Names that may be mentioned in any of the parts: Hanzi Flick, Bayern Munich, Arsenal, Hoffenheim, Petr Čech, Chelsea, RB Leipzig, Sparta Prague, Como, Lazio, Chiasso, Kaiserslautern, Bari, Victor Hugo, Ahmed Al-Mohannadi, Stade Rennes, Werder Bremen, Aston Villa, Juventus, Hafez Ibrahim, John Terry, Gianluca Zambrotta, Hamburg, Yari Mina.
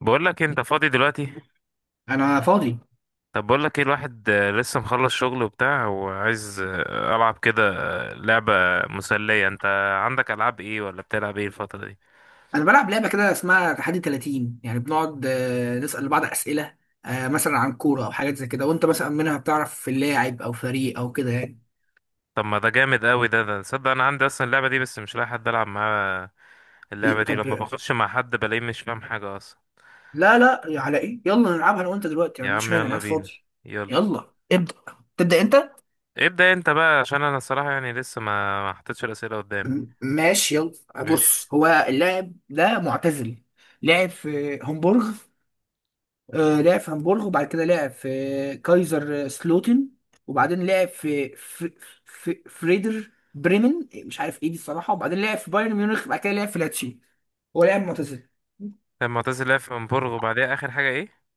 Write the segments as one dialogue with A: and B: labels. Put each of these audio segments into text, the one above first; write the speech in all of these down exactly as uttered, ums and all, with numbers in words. A: بقول لك انت فاضي دلوقتي.
B: انا فاضي.
A: طب بقول لك ايه الواحد، آه، لسه مخلص شغل وبتاع وعايز، آه، العب كده. آه، لعبة مسلية. انت عندك العاب ايه ولا بتلعب ايه الفترة دي؟
B: انا بلعب لعبه كده اسمها تحدي ثلاثين، يعني بنقعد آه، نسال بعض اسئله، آه، مثلا عن كوره او حاجات زي كده، وانت مثلا منها بتعرف اللاعب او فريق او كده يعني.
A: طب ما ده جامد قوي. ده ده تصدق، انا عندي اصلا اللعبة دي بس مش لاقي حد العب معاه. اللعبة
B: إيه
A: دي
B: طب،
A: لما بخش مع حد بلاقيه مش فاهم حاجة اصلا.
B: لا لا، على ايه، يلا نلعبها انا وانت دلوقتي. ما
A: يا
B: عنديش
A: عم
B: مانع، انا
A: يلا
B: قاعد
A: بينا،
B: فاضي.
A: يلا
B: يلا ابدا، تبدا انت.
A: ابدأ انت بقى عشان انا الصراحة يعني لسه ما ما حطيتش الأسئلة قدامي.
B: م- ماشي يلا.
A: ماشي.
B: بص، هو اللاعب ده معتزل، لعب في هومبورغ. آه، لعب في هامبورغ وبعد كده لعب في كايزر سلوتن، وبعدين لعب في في في فريدر بريمن، مش عارف ايه دي الصراحه، وبعدين لعب في بايرن ميونخ وبعد كده لعب في لاتشي. هو لاعب معتزل.
A: طب معتز لعب في امبورغ وبعديها اخر حاجة ايه؟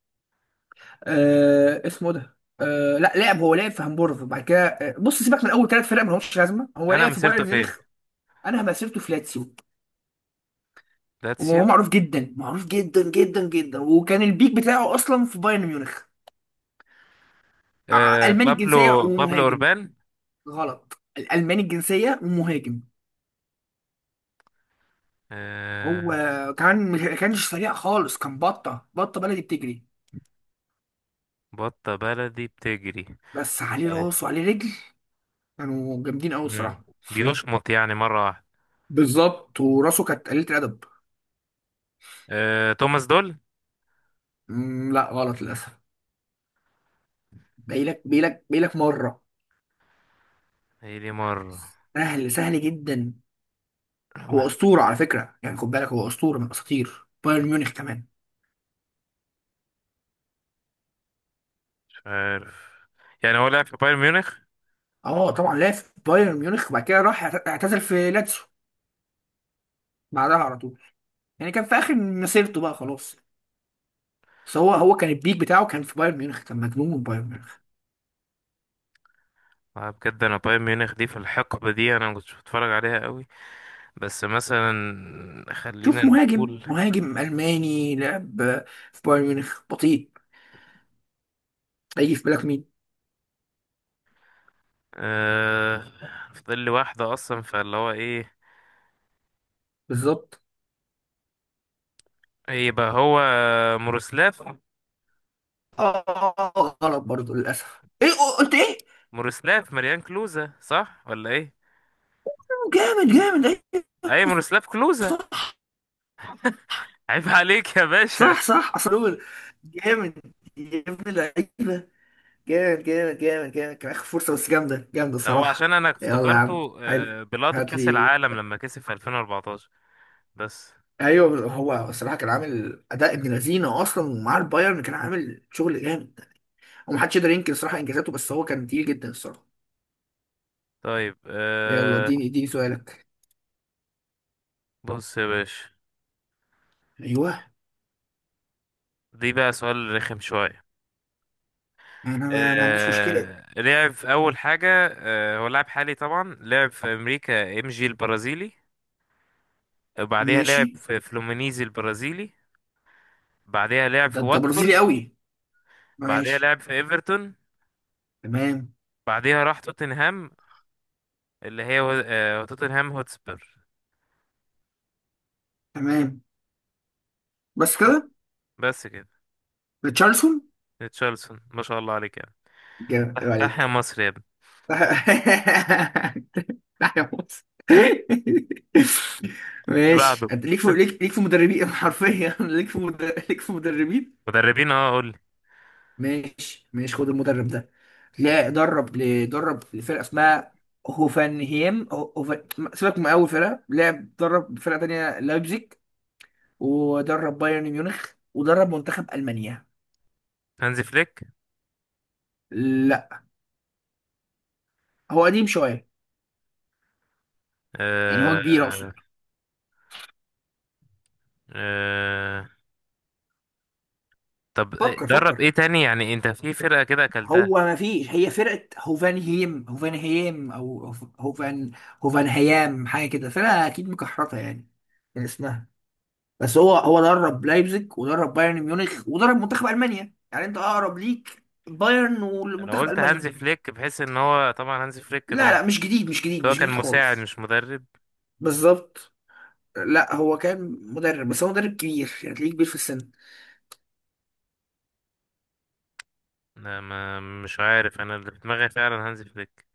B: آه اسمه ده، آه لا، لعب هو لعب في هامبورغ وبعد كده، آه، بص سيبك من اول ثلاث فرق ما لهمش لازمه، هو
A: انا
B: لعب في
A: مسيرته
B: بايرن
A: فين؟
B: ميونخ. انا مسيرته في لاتسيو، وهو
A: لاتسيو.
B: معروف جدا، معروف جدا جدا جدا، وكان البيك بتاعه اصلا في بايرن ميونخ. ع-
A: آه،
B: الماني الجنسيه
A: بابلو بابلو
B: ومهاجم.
A: أوربان.
B: غلط، الألماني الجنسية ومهاجم.
A: آه،
B: هو كان ما كانش سريع خالص، كان بطة بطة بلدي بتجري،
A: بطة بلدي بتجري.
B: بس عليه
A: طيب.
B: راس وعليه رجل. كانوا جامدين أوي
A: مم.
B: الصراحة.
A: بيشمط يعني مرة واحدة.
B: بالظبط، وراسه كانت قليلة الأدب.
A: آه، توماس دول.
B: مم، لا غلط للأسف. باقيلك باقيلك باقيلك مرة.
A: هي دي مرة.
B: سهل سهل جدا. هو أسطورة على فكرة، يعني خد بالك، هو أسطورة من الأساطير بايرن ميونخ كمان.
A: مش عارف. يعني هو لعب في بايرن ميونخ.
B: اه طبعا لعب في بايرن ميونخ وبعد كده راح اعت- اعتزل في لاتسيو بعدها على طول، يعني كان في آخر مسيرته بقى خلاص، بس هو هو كان البيك بتاعه كان في بايرن ميونخ، كان مجنون من بايرن ميونخ.
A: آه، بجد أنا بايرن ميونخ دي في الحقبة دي أنا ما كنتش بتفرج عليها قوي. بس مثلا خلينا
B: شوف، مهاجم
A: نقول.
B: مهاجم ألماني لعب في بايرن ميونخ، بطيء، هيجي في بالك مين؟
A: آه، فاضل لي واحدة أصلا فاللي هو إيه؟
B: بالظبط.
A: إيه يبقى هو؟ مورسلاف
B: اه غلط برضه للأسف. ايه، قلت ايه؟
A: مورسلاف مريان كلوزة صح ولا إيه؟
B: جامد جامد، ايه؟
A: أي مورسلاف كلوزة. عيب عليك يا باشا.
B: صح صح، اصل هو جامد يا ابن اللعيبة. جامد جامد جامد جامد، كان آخر فرصة بس جامدة جامدة
A: ده هو عشان
B: صراحة.
A: انا
B: يلا يا عم
A: افتكرته
B: حلو،
A: آه، بلقطة
B: هات
A: كأس
B: لي.
A: العالم لما كسب في ألفين وأربعتاشر. بس.
B: ايوه، هو الصراحة كان عامل أداء ابن لذينة أصلا، ومع البايرن كان عامل شغل جامد. هو محدش يقدر ينكر الصراحه انجازاته، بس هو كان تقيل جدا الصراحه.
A: طيب،
B: يلا
A: آه،
B: اديني اديني سؤالك.
A: بص يا باشا،
B: ايوه،
A: دي بقى سؤال رخم شوية.
B: انا ما, ما عنديش مشكله.
A: آه، لعب في أول حاجة. آه، هو لاعب حالي طبعا لعب في أمريكا ام جي البرازيلي. وبعديها
B: ماشي.
A: لعب في فلومينيزي البرازيلي. بعديها لعب
B: ده
A: في
B: انت برازيلي
A: واتفورد.
B: قوي.
A: بعديها
B: ماشي.
A: لعب في ايفرتون.
B: تمام.
A: بعديها راح توتنهام، اللي هي آه، توتنهام هوتسبير.
B: تمام. بس كده؟
A: بس كده.
B: ريتشارلسون.
A: تشارلسون، ما شاء الله عليك.
B: جامد، عيب
A: افتح
B: عليك.
A: يا مصر يا ابني.
B: لا يا موسى.
A: اللي
B: ماشي،
A: بعده
B: انت ليك في، ليك ليك في مدربين حرفيا. ليك في مدر... ليك في مدربين.
A: مدربين، اه قول لي.
B: ماشي ماشي، خد المدرب ده. لا درب، ل- درب فرقه اسمها هوفنهيم، هو- هوفن... سيبك من اول فرقه لعب، درب فرقه تانية لايبزيج، ودرب بايرن ميونخ، ودرب منتخب المانيا.
A: هانزي فليك؟
B: لا، هو قديم شويه، يعني هو كبير اقصد.
A: آه. آه، طب إيه-
B: فكر
A: درب ايه
B: فكر.
A: تاني يعني انت في فرقة كده اكلتها.
B: هو ما فيش، هي فرقه هوفنهيم هوفنهيم او هوف- هوفن هوفنهيام حاجه كده، فرقه اكيد مكحرته يعني من اسمها، بس هو هو درب لايبزيج ودرب بايرن ميونخ ودرب منتخب المانيا، يعني انت اقرب ليك بايرن
A: لو
B: والمنتخب
A: قلت هانزي
B: المانيا.
A: فليك بحيث ان هو طبعا هانزي فليك ده،
B: لا لا، مش جديد مش جديد
A: ده هو
B: مش
A: كان
B: جديد
A: مساعد
B: خالص.
A: مش مدرب.
B: بالظبط. لا هو كان مدرب، بس هو مدرب كبير، يعني تلاقيه كبير في السن.
A: لا ما مش عارف، انا اللي في دماغي فعلا هانزي فليك.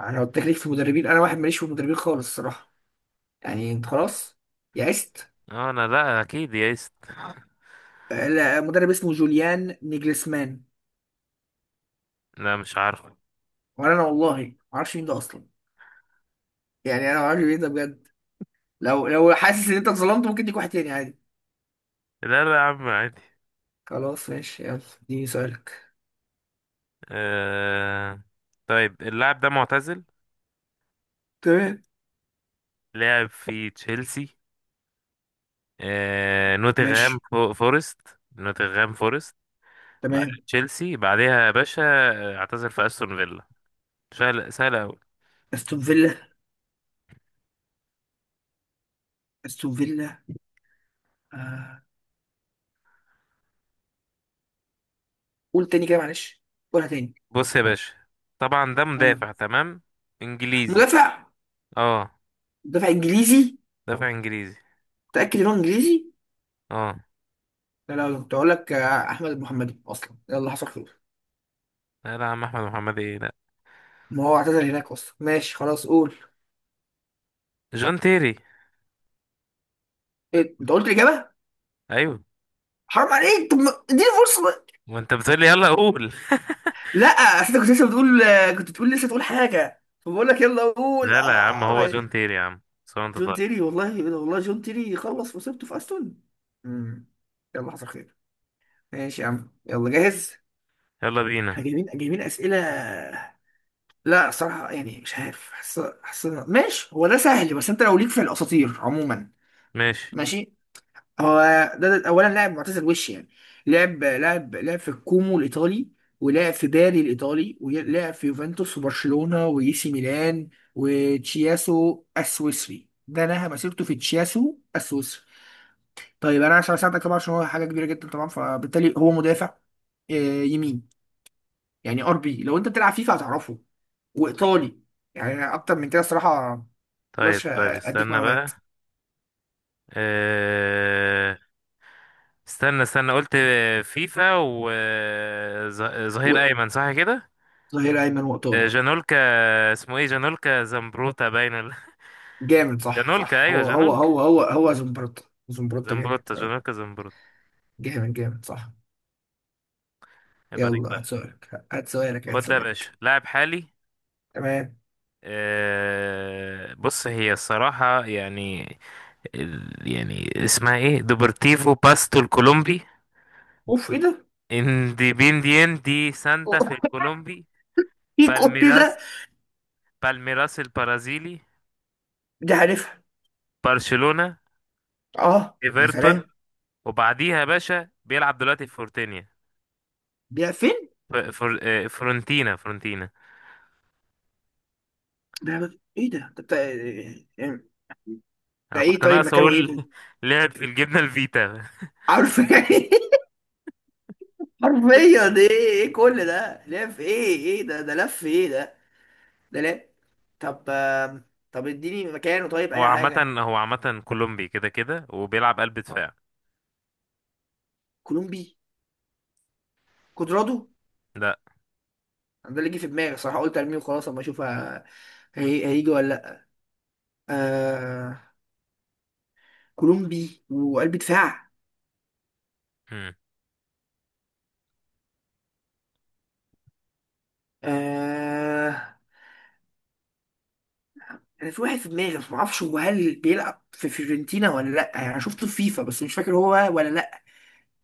B: انا قلت لك ليك في المدربين، انا واحد ماليش في المدربين خالص الصراحه. يعني انت خلاص يئست.
A: اه انا لا اكيد يا ايست.
B: لا، مدرب اسمه جوليان نيجلسمان.
A: لا مش عارفه.
B: وانا أنا والله ما اعرفش مين ده اصلا، يعني انا ما اعرفش مين ده بجد. لو لو حاسس ان انت اتظلمت، ممكن تيجي واحد تاني عادي.
A: لا لا يا عم عادي.
B: خلاص ماشي، يلا اديني سؤالك.
A: آه، طيب اللاعب ده معتزل.
B: تمام.
A: لعب في تشيلسي، آه، نوتنغهام
B: ماشي.
A: فو- فورست. نوتنغهام فورست. بعد
B: تمام.
A: تشيلسي بعدها يا باشا آه، اعتزل في استون فيلا. سهل سهل أوي.
B: استون فيلا، استون فيلا. آه. قول تاني كده معلش، قولها تاني.
A: بص يا باشا، طبعا ده
B: آه.
A: مدافع تمام. انجليزي.
B: مدافع
A: اه.
B: مدافع انجليزي؟
A: دافع انجليزي.
B: متأكد ان هو انجليزي؟
A: اه.
B: لا لا لا، كنت اقول لك آه، احمد المحمدي اصلا، يلا حصل خير.
A: لا لا يا عم احمد محمد ايه لا.
B: ما هو اعتزل هناك اصلا، ماشي خلاص قول.
A: جون تيري.
B: إيه؟ انت قلت الاجابه،
A: ايوه.
B: حرام عليك، طب ما- اديني فرصه بقى.
A: ما انت بتقول لي يلا قول.
B: لا، اصل انت كنت لسه بتقول آه، كنت بتقول لسه تقول حاجه، فبقول لك يلا قول،
A: لا لا يا عم
B: اه
A: هو جون
B: ماشي.
A: تيري يا عم، سواء انت،
B: جون
A: طيب.
B: تيري، والله والله جون تيري خلص وسبته في استون. مم. يلا حصل خير. ماشي يا عم، يلا جاهز.
A: يلا
B: احنا
A: بينا.
B: جايبين جايبين اسئله. لا صراحه يعني مش عارف، حاسس حاسس ماشي هو ده سهل، بس انت لو ليك في الاساطير عموما.
A: ماشي.
B: ماشي. هو ده, ده اولا لاعب معتزل وش يعني. لعب لعب لعب في الكومو الايطالي، ولعب في باري الايطالي، ولعب في يوفنتوس وبرشلونه واي سي ميلان وتشياسو السويسري. ده نهى مسيرته في تشياسو السويسري. طيب انا عشان اساعدك طبعا، عشان هو حاجه كبيره جدا طبعا، فبالتالي هو مدافع، آه، يمين. يعني ار بي، لو انت بتلعب فيفا هتعرفه، وايطالي. يعني أنا اكتر من كده الصراحه
A: طيب
B: مقدرش
A: طيب
B: اديك
A: استنى بقى.
B: معلومات.
A: آه... استنى استنى قلت فيفا وظهير
B: و-
A: ايمن صح كده؟
B: ظهير ايمن وايطالي.
A: جانولكا. اسمه ايه جانولكا زمبروتا باين ولا-
B: جامد صح
A: جانولكا
B: صح،
A: ايوه
B: هو هو
A: جانولكا
B: هو هو هو زمبروتا زمبروتا جامد.
A: زمبروتا.
B: آه،
A: جانولكا زمبروتا.
B: جامد جامد صح.
A: يبقى عليك
B: يلا
A: بقى.
B: هات سؤالك هات سؤالك هات
A: خد ده يا باشا
B: سؤالك.
A: لاعب حالي.
B: تمام.
A: آه، بص هي الصراحة يعني ال- يعني اسمها ايه دوبرتيفو باستو الكولومبي.
B: اوف ايه ده.
A: انديبينديان دي
B: أو-
A: سانتا في الكولومبي.
B: ايه كنت ده.
A: بالميراس. بالميراس البرازيلي.
B: دي عارفها.
A: برشلونة.
B: اه يا
A: ايفرتون.
B: سلام.
A: وبعديها يا باشا بيلعب دلوقتي في فورتينيا.
B: ده فين؟
A: ف- فر... آه، فرونتينا فرونتينا
B: ده ايه؟ ده ده بتاع- ده
A: انا
B: ايه
A: كنت
B: طيب،
A: ناقص
B: مكانه ايه
A: اقول
B: طيب،
A: لعب في الجبنه الفيتا.
B: عارف يعني. حرفيا ايه، ايه كل ده لف، ايه ايه ده ده لف ايه ده. ده لا. طب آم، طب اديني مكانه طيب،
A: هو
B: اي
A: عامه
B: حاجه.
A: هو عامه كولومبي كده كده وبيلعب قلب دفاع.
B: كولومبي، كودرادو.
A: لا.
B: أنا ده اللي جه في دماغي الصراحه، قلت ارميه وخلاص اما اشوف، ه- هي- هيجي ولا لا. آه كولومبي وقلب دفاع.
A: مم.
B: آه انا في واحد في دماغي بس ما اعرفش هو، هل بيلعب في فيورنتينا ولا لا، يعني انا شفته في فيفا بس مش فاكر هو ولا لا.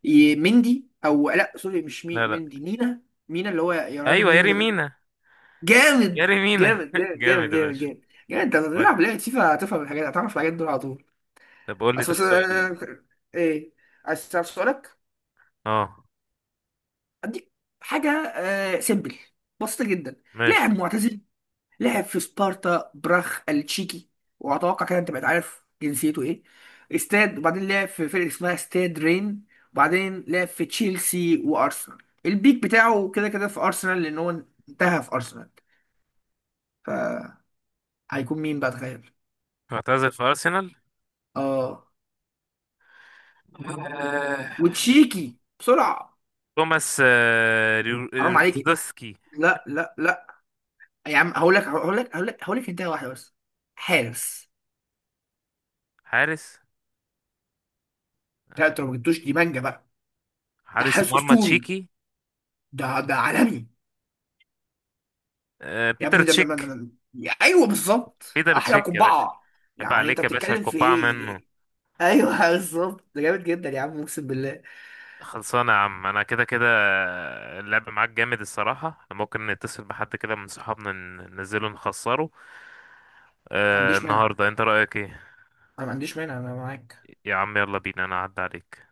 B: ي- مندي، او لا سوري مش مي
A: لا لا،
B: مندي، مينا. مينا اللي هو يراني
A: ايوه ياري
B: مينا.
A: مينا.
B: جامد
A: ياري مينا
B: جامد جامد جامد
A: جامد يا
B: جامد جامد.
A: باشا.
B: جامد، انت بتلعب
A: ودي.
B: لعبة فيفا هتفهم الحاجات، هتعرف الحاجات دول على طول.
A: طب قول لي
B: اصل
A: طب
B: بس،
A: سؤال.
B: آه، ايه، عايز تعرف سؤالك؟
A: اه.
B: اديك حاجة آه سيمبل، بسيطة جدا. لاعب
A: ماشي.
B: معتزل لعب في سبارتا براخ التشيكي، واتوقع كده انت بقيت عارف جنسيته ايه. استاد، وبعدين لعب في فرقة اسمها استاد رين، وبعدين لعب في تشيلسي وارسنال. البيك بتاعه كده كده في ارسنال، لان هو انتهى في ارسنال، فهيكون مين بقى، تخيل.
A: اعتزل في ارسنال.
B: اه،
A: آه.
B: وتشيكي بسرعه.
A: توماس آه، ريو-
B: حرام عليك،
A: ريزدوسكي.
B: لا لا لا يا عم، هقول لك هقول لك هقول لك هقول لك انتهى واحده بس، حارس.
A: حارس.
B: لا انت لو ما
A: يعني.
B: جبتوش دي مانجا بقى، ده
A: حارس
B: حارس
A: مرمى
B: اسطوري،
A: تشيكي.
B: ده ده عالمي،
A: آه،
B: يا
A: بيتر
B: ابني ده, ده, ده,
A: تشيك.
B: ده. يا- ايوه بالظبط.
A: فيدر
B: احلى
A: تشيك يا باشا.
B: قبعه،
A: عيب
B: يعني انت
A: عليك يا باشا،
B: بتتكلم في
A: القبعة منه.
B: ايه. ايوه بالظبط، ده جامد جدا يا عم اقسم بالله.
A: خلصانة يا عم أنا كده كده. اللعب معاك جامد الصراحة. ممكن نتصل بحد كده من صحابنا ن- ننزله نخسره
B: ما
A: آه
B: عنديش مانع،
A: النهاردة. أنت رأيك إيه؟
B: انا ما عنديش مانع، انا معاك.
A: يا عم يلا بينا أنا أعدي عليك.